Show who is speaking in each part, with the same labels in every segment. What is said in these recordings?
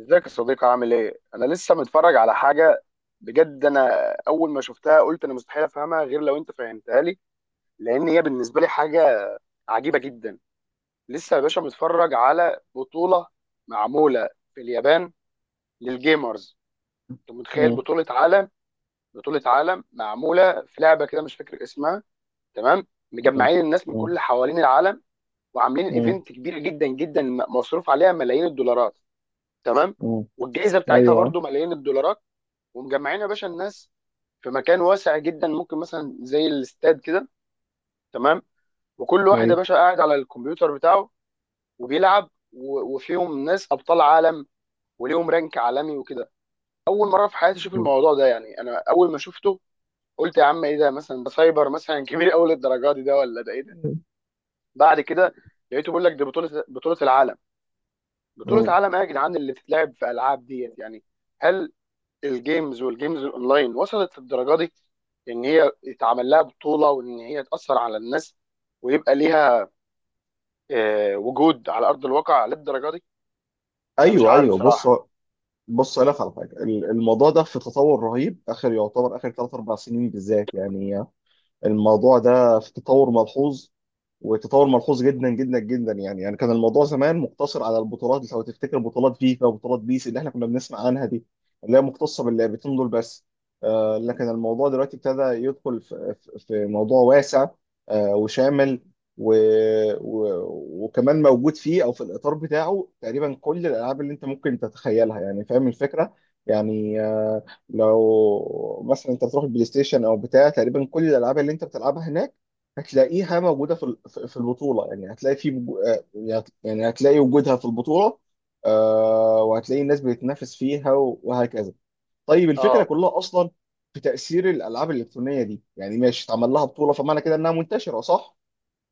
Speaker 1: ازيك يا صديقي عامل ايه؟ انا لسه متفرج على حاجه بجد. اول ما شفتها قلت مستحيل افهمها غير لو انت فهمتها لي، لان هي بالنسبه لي حاجه عجيبه جدا. لسه يا باشا متفرج على بطوله معموله في اليابان للجيمرز. انت متخيل
Speaker 2: مم.
Speaker 1: بطوله عالم؟ بطوله عالم معموله في لعبه كده مش فاكر اسمها، تمام؟
Speaker 2: مم.
Speaker 1: مجمعين الناس من
Speaker 2: مم.
Speaker 1: كل حوالين العالم وعاملين
Speaker 2: مم.
Speaker 1: ايفنت كبير جدا جدا، مصروف عليها ملايين الدولارات، تمام؟
Speaker 2: مم.
Speaker 1: والجائزه بتاعتها
Speaker 2: ايوه،
Speaker 1: برضو ملايين الدولارات، ومجمعين يا باشا الناس في مكان واسع جدا، ممكن مثلا زي الاستاد كده، تمام؟ وكل واحد يا
Speaker 2: ايوه.
Speaker 1: باشا قاعد على الكمبيوتر بتاعه وبيلعب، و- وفيهم ناس ابطال عالم وليهم رانك عالمي وكده. اول مره في حياتي اشوف
Speaker 2: مم.
Speaker 1: الموضوع ده، يعني انا اول ما شفته قلت يا عم ايه ده، مثلا ده سايبر مثلا كبير قوي للدرجه دي، ده ولا ده ايه ده؟ بعد كده لقيته بيقول لك دي بطوله، بطوله العالم. بطوله
Speaker 2: مم.
Speaker 1: عالم ايه يا جدعان اللي بتتلعب في العاب ديت يعني؟ هل الجيمز والجيمز الاونلاين وصلت للدرجه دي، ان هي يتعمل لها بطوله، وان هي تاثر على الناس، ويبقى ليها وجود على ارض الواقع للدرجه دي؟ انا مش
Speaker 2: ايوه،
Speaker 1: عارف
Speaker 2: ايوه. بص،
Speaker 1: بصراحه.
Speaker 2: بص، أقول لك على حاجه. الموضوع ده في تطور رهيب، اخر يعتبر اخر 3 4 سنين بالذات، يعني الموضوع ده في تطور ملحوظ، وتطور ملحوظ جدا جدا جدا. يعني كان الموضوع زمان مقتصر على البطولات، لو تفتكر بطولات فيفا وبطولات بيس اللي احنا كنا بنسمع عنها دي، اللي هي مختصه باللعبتين دول بس. آه، لكن الموضوع دلوقتي ابتدى يدخل في موضوع واسع وشامل، و و وكمان موجود فيه او في الاطار بتاعه تقريبا كل الالعاب اللي انت ممكن تتخيلها، يعني فاهم الفكره. يعني، لو مثلا انت بتروح البلاي ستيشن او بتاع، تقريبا كل الالعاب اللي انت بتلعبها هناك هتلاقيها موجوده في البطوله. يعني هتلاقي يعني هتلاقي وجودها في البطوله. وهتلاقي الناس بتتنافس فيها، وهكذا. طيب الفكره
Speaker 1: اه،
Speaker 2: كلها اصلا في تاثير الالعاب الالكترونيه دي، يعني ماشي اتعمل لها بطوله، فمعنى كده انها منتشره، صح؟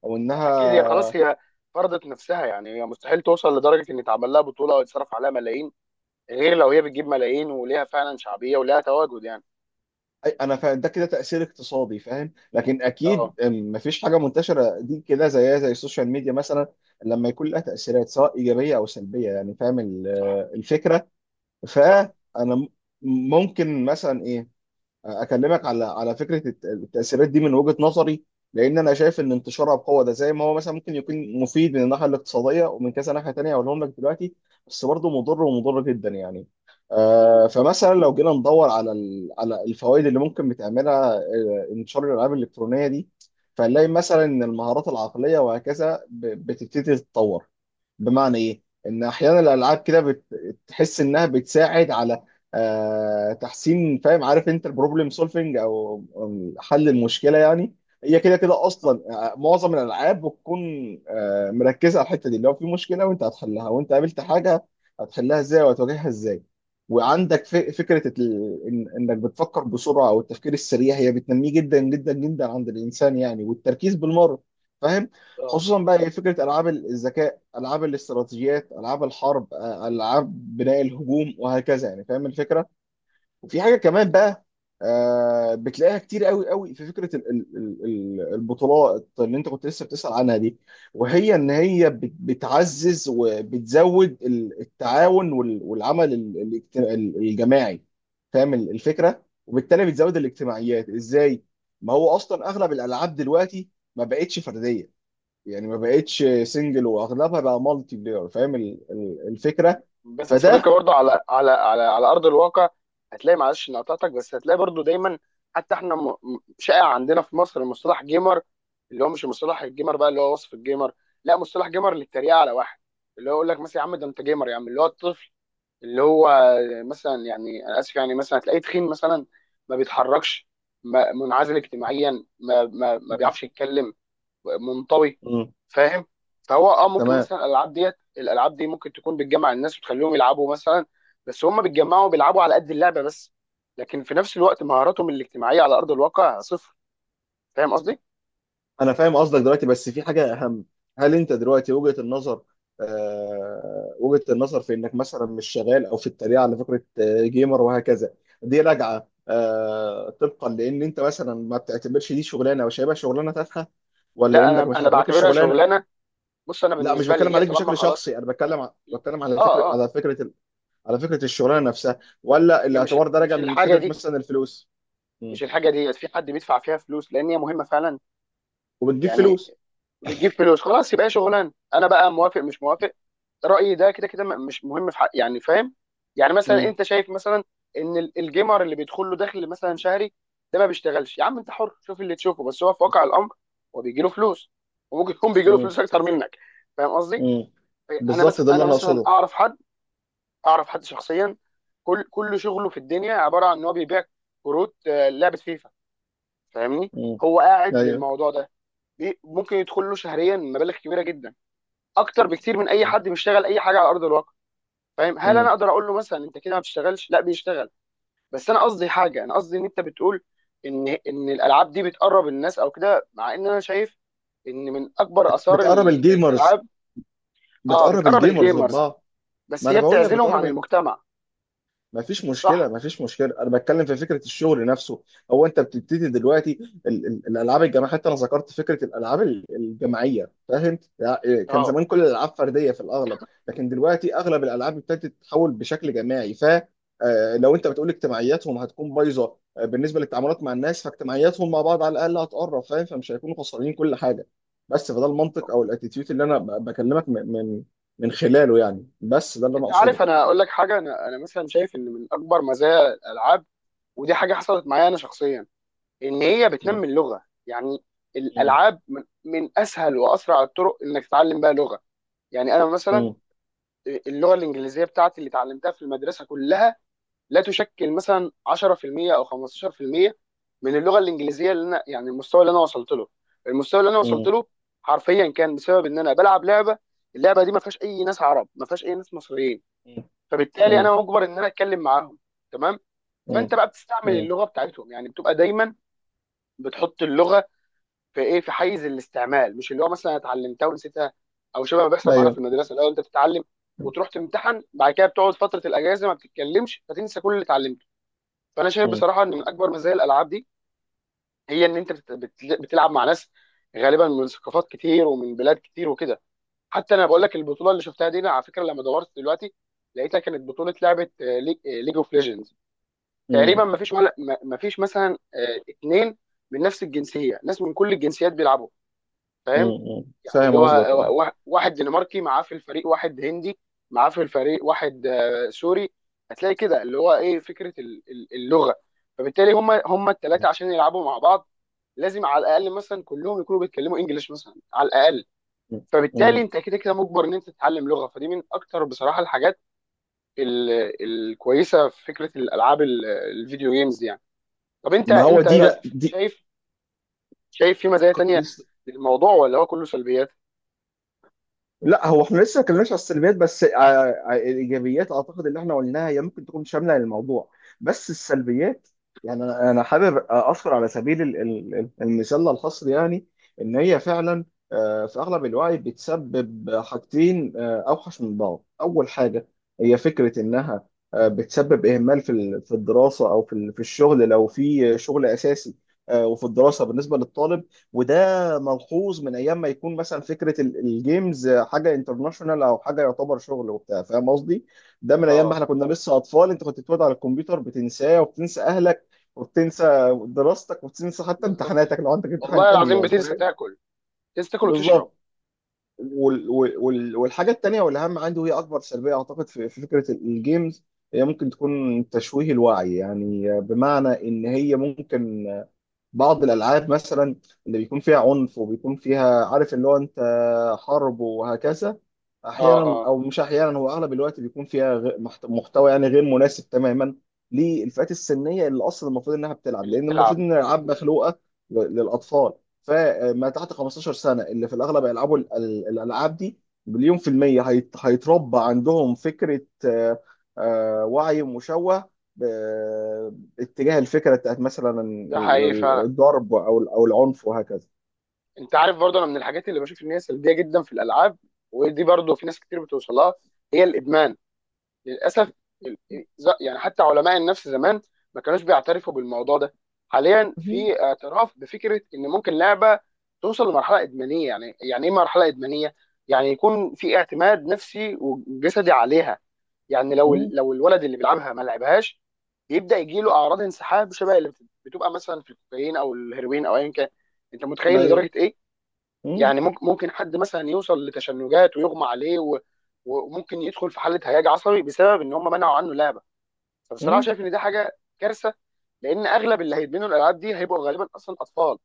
Speaker 2: او
Speaker 1: اكيد هي خلاص،
Speaker 2: انها
Speaker 1: فرضت نفسها. يعني هي مستحيل توصل لدرجه ان يتعمل لها بطوله او يتصرف عليها ملايين غير لو هي بتجيب ملايين وليها فعلا شعبيه وليها تواجد يعني.
Speaker 2: انا فاهم ده، كده تاثير اقتصادي، فاهم، لكن اكيد،
Speaker 1: اه.
Speaker 2: مفيش حاجه منتشره دي كده، زيها زي السوشيال ميديا مثلا، لما يكون لها تاثيرات سواء ايجابيه او سلبيه، يعني فاهم
Speaker 1: صح.
Speaker 2: الفكره.
Speaker 1: صح.
Speaker 2: فانا ممكن مثلا ايه، اكلمك على فكره التاثيرات دي من وجهه نظري، لان انا شايف ان انتشارها بقوه ده زي ما هو مثلا ممكن يكون مفيد من الناحيه الاقتصاديه ومن كذا ناحيه تانيه هقولهم لك دلوقتي، بس برضه مضر ومضر جدا يعني.
Speaker 1: امم.
Speaker 2: فمثلا لو جينا ندور على على الفوائد اللي ممكن بتعملها، انتشار الالعاب الالكترونيه دي، فنلاقي مثلا ان المهارات العقليه وهكذا بتبتدي تتطور. بمعنى ايه؟ ان احيانا الالعاب كده بتحس انها بتساعد على تحسين، فاهم، عارف انت البروبلم سولفنج، او حل المشكله يعني. هي كده كده
Speaker 1: اه.
Speaker 2: اصلا، معظم الالعاب بتكون مركزه على الحته دي. لو في مشكله وانت هتحلها، وانت قابلت حاجه هتحلها ازاي وهتواجهها ازاي. وعندك فكره انك بتفكر بسرعه، او التفكير السريع هي بتنميه جدا جدا جدا عند الانسان يعني، والتركيز بالمره، فاهم.
Speaker 1: اه.
Speaker 2: خصوصا بقى إيه فكره العاب الذكاء، العاب الاستراتيجيات، العاب الحرب، العاب بناء الهجوم وهكذا، يعني فاهم الفكره. وفي حاجه كمان بقى، بتلاقيها كتير قوي قوي في فكره البطولات اللي انت كنت لسه بتسال عنها دي، وهي ان هي بتعزز وبتزود التعاون والعمل الجماعي، فاهم الفكره. وبالتالي بتزود الاجتماعيات ازاي؟ ما هو اصلا اغلب الالعاب دلوقتي ما بقتش فرديه، يعني ما بقتش سنجل واغلبها بقى مالتي بلاير، فاهم الفكره.
Speaker 1: بس يا صديقي
Speaker 2: فده.
Speaker 1: برضه على ارض الواقع هتلاقي، معلش اني قطعتك، بس هتلاقي برضه دايما، حتى احنا شائع عندنا في مصر مصطلح جيمر، اللي هو مش مصطلح الجيمر بقى اللي هو وصف الجيمر، لا، مصطلح جيمر للتريقه على واحد، اللي هو يقول لك مثلا يا عم ده انت جيمر يا عم. اللي هو الطفل اللي هو مثلا، يعني انا اسف، يعني مثلا هتلاقيه تخين مثلا، ما بيتحركش، ما منعزل اجتماعيا، ما بيعرفش يتكلم، منطوي،
Speaker 2: مم.
Speaker 1: فاهم؟ فهو اه ممكن
Speaker 2: تمام.
Speaker 1: مثلا الالعاب دي ممكن تكون بتجمع الناس وتخليهم يلعبوا مثلا، بس هم بيتجمعوا بيلعبوا على قد اللعبه بس. لكن في نفس الوقت مهاراتهم الاجتماعيه على ارض الواقع صفر. فاهم قصدي؟
Speaker 2: انا فاهم قصدك دلوقتي، بس في حاجه اهم. هل انت دلوقتي وجهه النظر، وجهه النظر في انك مثلا مش شغال، او في التريقه على فكره جيمر وهكذا، دي راجعه طبقا لان انت مثلا ما بتعتبرش دي شغلانه، او شايفها شغلانه تافهه، ولا
Speaker 1: لا،
Speaker 2: انك
Speaker 1: انا
Speaker 2: مش
Speaker 1: انا
Speaker 2: عاجباك
Speaker 1: بعتبرها
Speaker 2: الشغلانه؟
Speaker 1: شغلانه. بص، انا
Speaker 2: لا، مش
Speaker 1: بالنسبه لي
Speaker 2: بتكلم
Speaker 1: هي
Speaker 2: عليك
Speaker 1: طالما
Speaker 2: بشكل
Speaker 1: خلاص.
Speaker 2: شخصي، انا بتكلم بتكلم
Speaker 1: اه. اه.
Speaker 2: على فكره الشغلانه نفسها، ولا
Speaker 1: هي مش
Speaker 2: الاعتبار ده راجع
Speaker 1: مش
Speaker 2: من
Speaker 1: الحاجه
Speaker 2: فكره
Speaker 1: دي،
Speaker 2: مثلا الفلوس. مم.
Speaker 1: مش الحاجه ديت في حد بيدفع فيها فلوس لان هي مهمه فعلا
Speaker 2: وبتجيب
Speaker 1: يعني.
Speaker 2: فلوس.
Speaker 1: بتجيب فلوس، خلاص يبقى هي شغلانه، انا بقى موافق مش موافق رايي ده كده كده مش مهم في حق، يعني فاهم؟ يعني مثلا
Speaker 2: مم.
Speaker 1: انت شايف مثلا ان الجيمر اللي بيدخل له دخل مثلا شهري، ده ما بيشتغلش. يا عم انت حر شوف اللي تشوفه، بس هو في واقع الامر هو بيجي له فلوس، وممكن يكون بيجي له
Speaker 2: مم.
Speaker 1: فلوس اكتر منك. فاهم قصدي؟
Speaker 2: مم.
Speaker 1: انا
Speaker 2: بالظبط،
Speaker 1: مثلا،
Speaker 2: ده اللي انا اقصده.
Speaker 1: اعرف حد شخصيا، كل كل شغله في الدنيا عباره عن ان هو بيبيع كروت لعبه فيفا، فاهمني؟
Speaker 2: مم.
Speaker 1: هو قاعد
Speaker 2: ايوه.
Speaker 1: للموضوع ده، ممكن يدخل له شهريا مبالغ كبيره جدا، اكتر بكتير من اي حد بيشتغل اي حاجه على ارض الواقع. فاهم؟ هل انا
Speaker 2: مم.
Speaker 1: اقدر اقول له مثلا انت كده ما بتشتغلش؟ لا، بيشتغل. بس انا قصدي حاجه، انا قصدي ان انت بتقول ان الالعاب دي بتقرب الناس او كده، مع ان انا شايف ان من اكبر اثار
Speaker 2: بتقرب الجيمرز،
Speaker 1: الالعاب. اه
Speaker 2: بتقرب
Speaker 1: بتقرب
Speaker 2: الجيمرز
Speaker 1: الجيمرز،
Speaker 2: ببعض.
Speaker 1: بس
Speaker 2: ما انا
Speaker 1: هي
Speaker 2: بقول لك
Speaker 1: بتعزلهم عن
Speaker 2: بتقرب.
Speaker 1: المجتمع.
Speaker 2: ما فيش مشكلة،
Speaker 1: صح.
Speaker 2: ما فيش مشكلة، أنا بتكلم في فكرة الشغل نفسه. هو أنت بتبتدي دلوقتي الألعاب الجماعية، حتى أنا ذكرت فكرة الألعاب الجماعية، فاهم يعني. كان
Speaker 1: اه،
Speaker 2: زمان كل الألعاب فردية في الأغلب، لكن دلوقتي أغلب الألعاب ابتدت تتحول بشكل جماعي، ف آه، لو أنت بتقول اجتماعياتهم هتكون بايظة، بالنسبة للتعاملات مع الناس، فاجتماعياتهم مع بعض على الأقل هتقرب، فاهم، فمش هيكونوا خسرانين كل حاجة. بس فده المنطق أو الاتيتيود اللي أنا بكلمك من خلاله يعني، بس ده اللي أنا
Speaker 1: انت عارف،
Speaker 2: أقصده.
Speaker 1: انا اقول لك حاجه: انا مثلا شايف ان من اكبر مزايا الالعاب، ودي حاجه حصلت معايا انا شخصيا، ان هي
Speaker 2: م-
Speaker 1: بتنمي اللغه يعني.
Speaker 2: م-
Speaker 1: الالعاب من من اسهل واسرع الطرق انك تتعلم بيها لغه. يعني انا مثلا
Speaker 2: م.
Speaker 1: اللغه الانجليزيه بتاعتي اللي اتعلمتها في المدرسه كلها لا تشكل مثلا 10% او 15% من اللغه الانجليزيه اللي انا، يعني المستوى اللي انا وصلت له، المستوى اللي انا وصلت
Speaker 2: مم.
Speaker 1: له حرفيا كان بسبب ان انا بلعب لعبه. اللعبه دي ما فيهاش اي ناس عرب، ما فيهاش اي ناس مصريين، فبالتالي
Speaker 2: مم.
Speaker 1: انا مجبر ان انا اتكلم معاهم، تمام؟ فانت
Speaker 2: مم.
Speaker 1: بقى بتستعمل
Speaker 2: مم.
Speaker 1: اللغه بتاعتهم، يعني بتبقى دايما بتحط اللغه في ايه، في حيز الاستعمال، مش اللي هو مثلا اتعلمتها ونسيتها، او شبه ما بيحصل معانا في
Speaker 2: ايوه.
Speaker 1: المدرسه: الاول انت بتتعلم وتروح تمتحن، بعد كده بتقعد فتره الاجازه ما بتتكلمش فتنسى كل اللي اتعلمته. فانا شايف
Speaker 2: مم.
Speaker 1: بصراحه ان من اكبر مزايا الالعاب دي هي ان انت بتلعب مع ناس غالبا من ثقافات كتير ومن بلاد كتير وكده. حتى انا بقول لك البطوله اللي شفتها دي، انا على فكره لما دورت دلوقتي لقيتها كانت بطوله لعبه ليج اوف ليجندز، تقريبا
Speaker 2: مم.
Speaker 1: ما فيش ولا، ما فيش مثلا 2 من نفس الجنسيه، ناس من كل الجنسيات بيلعبوا، فاهم؟
Speaker 2: مم.
Speaker 1: يعني
Speaker 2: فاهم
Speaker 1: اللي هو
Speaker 2: قصدك، اه.
Speaker 1: واحد دنماركي معاه في الفريق، واحد هندي معاه في الفريق، واحد سوري، هتلاقي كده اللي هو ايه، فكره اللغه. فبالتالي هم الثلاثه عشان يلعبوا مع بعض لازم على الاقل مثلا كلهم يكونوا بيتكلموا انجليش مثلا على الاقل.
Speaker 2: مم.
Speaker 1: فبالتالي
Speaker 2: مم.
Speaker 1: انت كده كده مجبر ان انت تتعلم لغه، فدي من اكتر بصراحه الحاجات الكويسه في فكره الالعاب الفيديو جيمز يعني. طب انت
Speaker 2: ما هو
Speaker 1: انت ايه
Speaker 2: دي
Speaker 1: رايك؟
Speaker 2: بقى دي.
Speaker 1: شايف شايف في مزايا
Speaker 2: كنت
Speaker 1: تانية
Speaker 2: لسه.
Speaker 1: للموضوع ولا هو كله سلبيات؟
Speaker 2: لا، هو احنا لسه ما اتكلمناش على السلبيات، بس الايجابيات اعتقد اللي احنا قلناها هي ممكن تكون شامله للموضوع، بس السلبيات، يعني انا حابب اذكر على سبيل المثال الحصر يعني، ان هي فعلا في اغلب الوعي بتسبب حاجتين اوحش من بعض. اول حاجه هي فكره انها بتسبب اهمال في في الدراسه، او في في الشغل لو في شغل اساسي، وفي الدراسه بالنسبه للطالب. وده ملحوظ من ايام ما يكون مثلا فكره الجيمز حاجه انترناشونال او حاجه يعتبر شغل وبتاع، فاهم قصدي؟ ده من ايام ما
Speaker 1: اه.
Speaker 2: احنا كنا لسه اطفال، انت كنت بتقعد على الكمبيوتر بتنساه وبتنسى اهلك، وبتنسى دراستك وبتنسى حتى
Speaker 1: بالظبط.
Speaker 2: امتحاناتك لو عندك امتحان
Speaker 1: والله
Speaker 2: تاني
Speaker 1: العظيم
Speaker 2: يوم،
Speaker 1: بتنسى
Speaker 2: فاهم؟
Speaker 1: تاكل، تنسى تاكل وتشرب.
Speaker 2: بالظبط. والحاجه التانيه والاهم عندي، وهي اكبر سلبيه اعتقد في فكره الجيمز، هي ممكن تكون تشويه الوعي. يعني بمعنى ان هي ممكن، بعض الالعاب مثلا اللي بيكون فيها عنف، وبيكون فيها عارف اللي هو انت، حرب وهكذا.
Speaker 1: اه.
Speaker 2: احيانا
Speaker 1: اه.
Speaker 2: او مش احيانا، هو اغلب الوقت بيكون فيها محتوى يعني غير مناسب تماما للفئات السنيه اللي اصلا المفروض انها بتلعب،
Speaker 1: اللي
Speaker 2: لان المفروض
Speaker 1: بتلعب.
Speaker 2: ان الالعاب مخلوقه للاطفال. فما تحت 15 سنه اللي في الاغلب يلعبوا الالعاب دي، 1000000% هيتربى عندهم فكره، وعي مشوه اتجاه الفكره بتاعت مثلا
Speaker 1: ده حقيقي فعلا.
Speaker 2: الضرب، او او العنف وهكذا.
Speaker 1: انت عارف برضه، انا من الحاجات اللي بشوف ان هي سلبيه جدا في الالعاب، ودي برضه في ناس كتير بتوصلها، هي الادمان للاسف. ال- يعني حتى علماء النفس زمان ما كانوش بيعترفوا بالموضوع ده، حاليا
Speaker 2: مم.
Speaker 1: في اعتراف بفكره ان ممكن لعبه توصل لمرحله ادمانيه. يعني يعني ايه مرحله ادمانيه؟ يعني يكون في اعتماد نفسي وجسدي عليها. يعني لو ال-
Speaker 2: مم.
Speaker 1: لو الولد اللي بيلعبها ما لعبهاش بيبدا يجي له اعراض انسحاب شبه اللي بتبقى مثلا في الكوكايين او الهيروين او ايا كان. انت متخيل
Speaker 2: ايوه.
Speaker 1: لدرجه ايه؟
Speaker 2: مم.
Speaker 1: يعني ممكن حد مثلا يوصل لتشنجات ويغمى عليه وممكن يدخل في حاله هياج عصبي بسبب ان هم منعوا عنه لعبه. فبصراحه
Speaker 2: مم.
Speaker 1: شايف ان دي حاجه كارثه، لان اغلب اللي هيدمنوا الالعاب دي هيبقوا غالبا اصلا اطفال،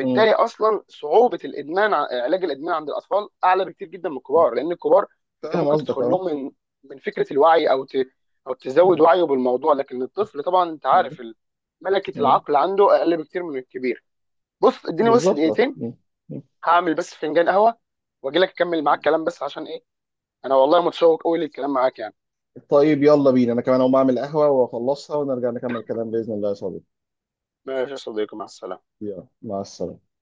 Speaker 2: مم.
Speaker 1: اصلا صعوبه الادمان علاج الادمان عند الاطفال اعلى بكتير جدا من الكبار، لان الكبار انت
Speaker 2: فاهم
Speaker 1: ممكن
Speaker 2: قصدك،
Speaker 1: تدخل
Speaker 2: اه.
Speaker 1: لهم من من فكره الوعي، او او تزود وعيه بالموضوع، لكن الطفل طبعا انت
Speaker 2: مم.
Speaker 1: عارف ملكه
Speaker 2: مم.
Speaker 1: العقل عنده اقل بكتير من الكبير. بص اديني بس
Speaker 2: بالظبط، اه.
Speaker 1: دقيقتين،
Speaker 2: مم. مم.
Speaker 1: هعمل بس فنجان قهوه واجي لك اكمل معاك كلام، بس عشان ايه، انا والله متشوق قوي للكلام معاك يعني.
Speaker 2: طيب، يلا بينا. انا كمان اقوم اعمل قهوه واخلصها ونرجع نكمل الكلام باذن الله يا صديقي.
Speaker 1: ماشي يا صديقي، مع السلامه.
Speaker 2: يلا، مع السلامه.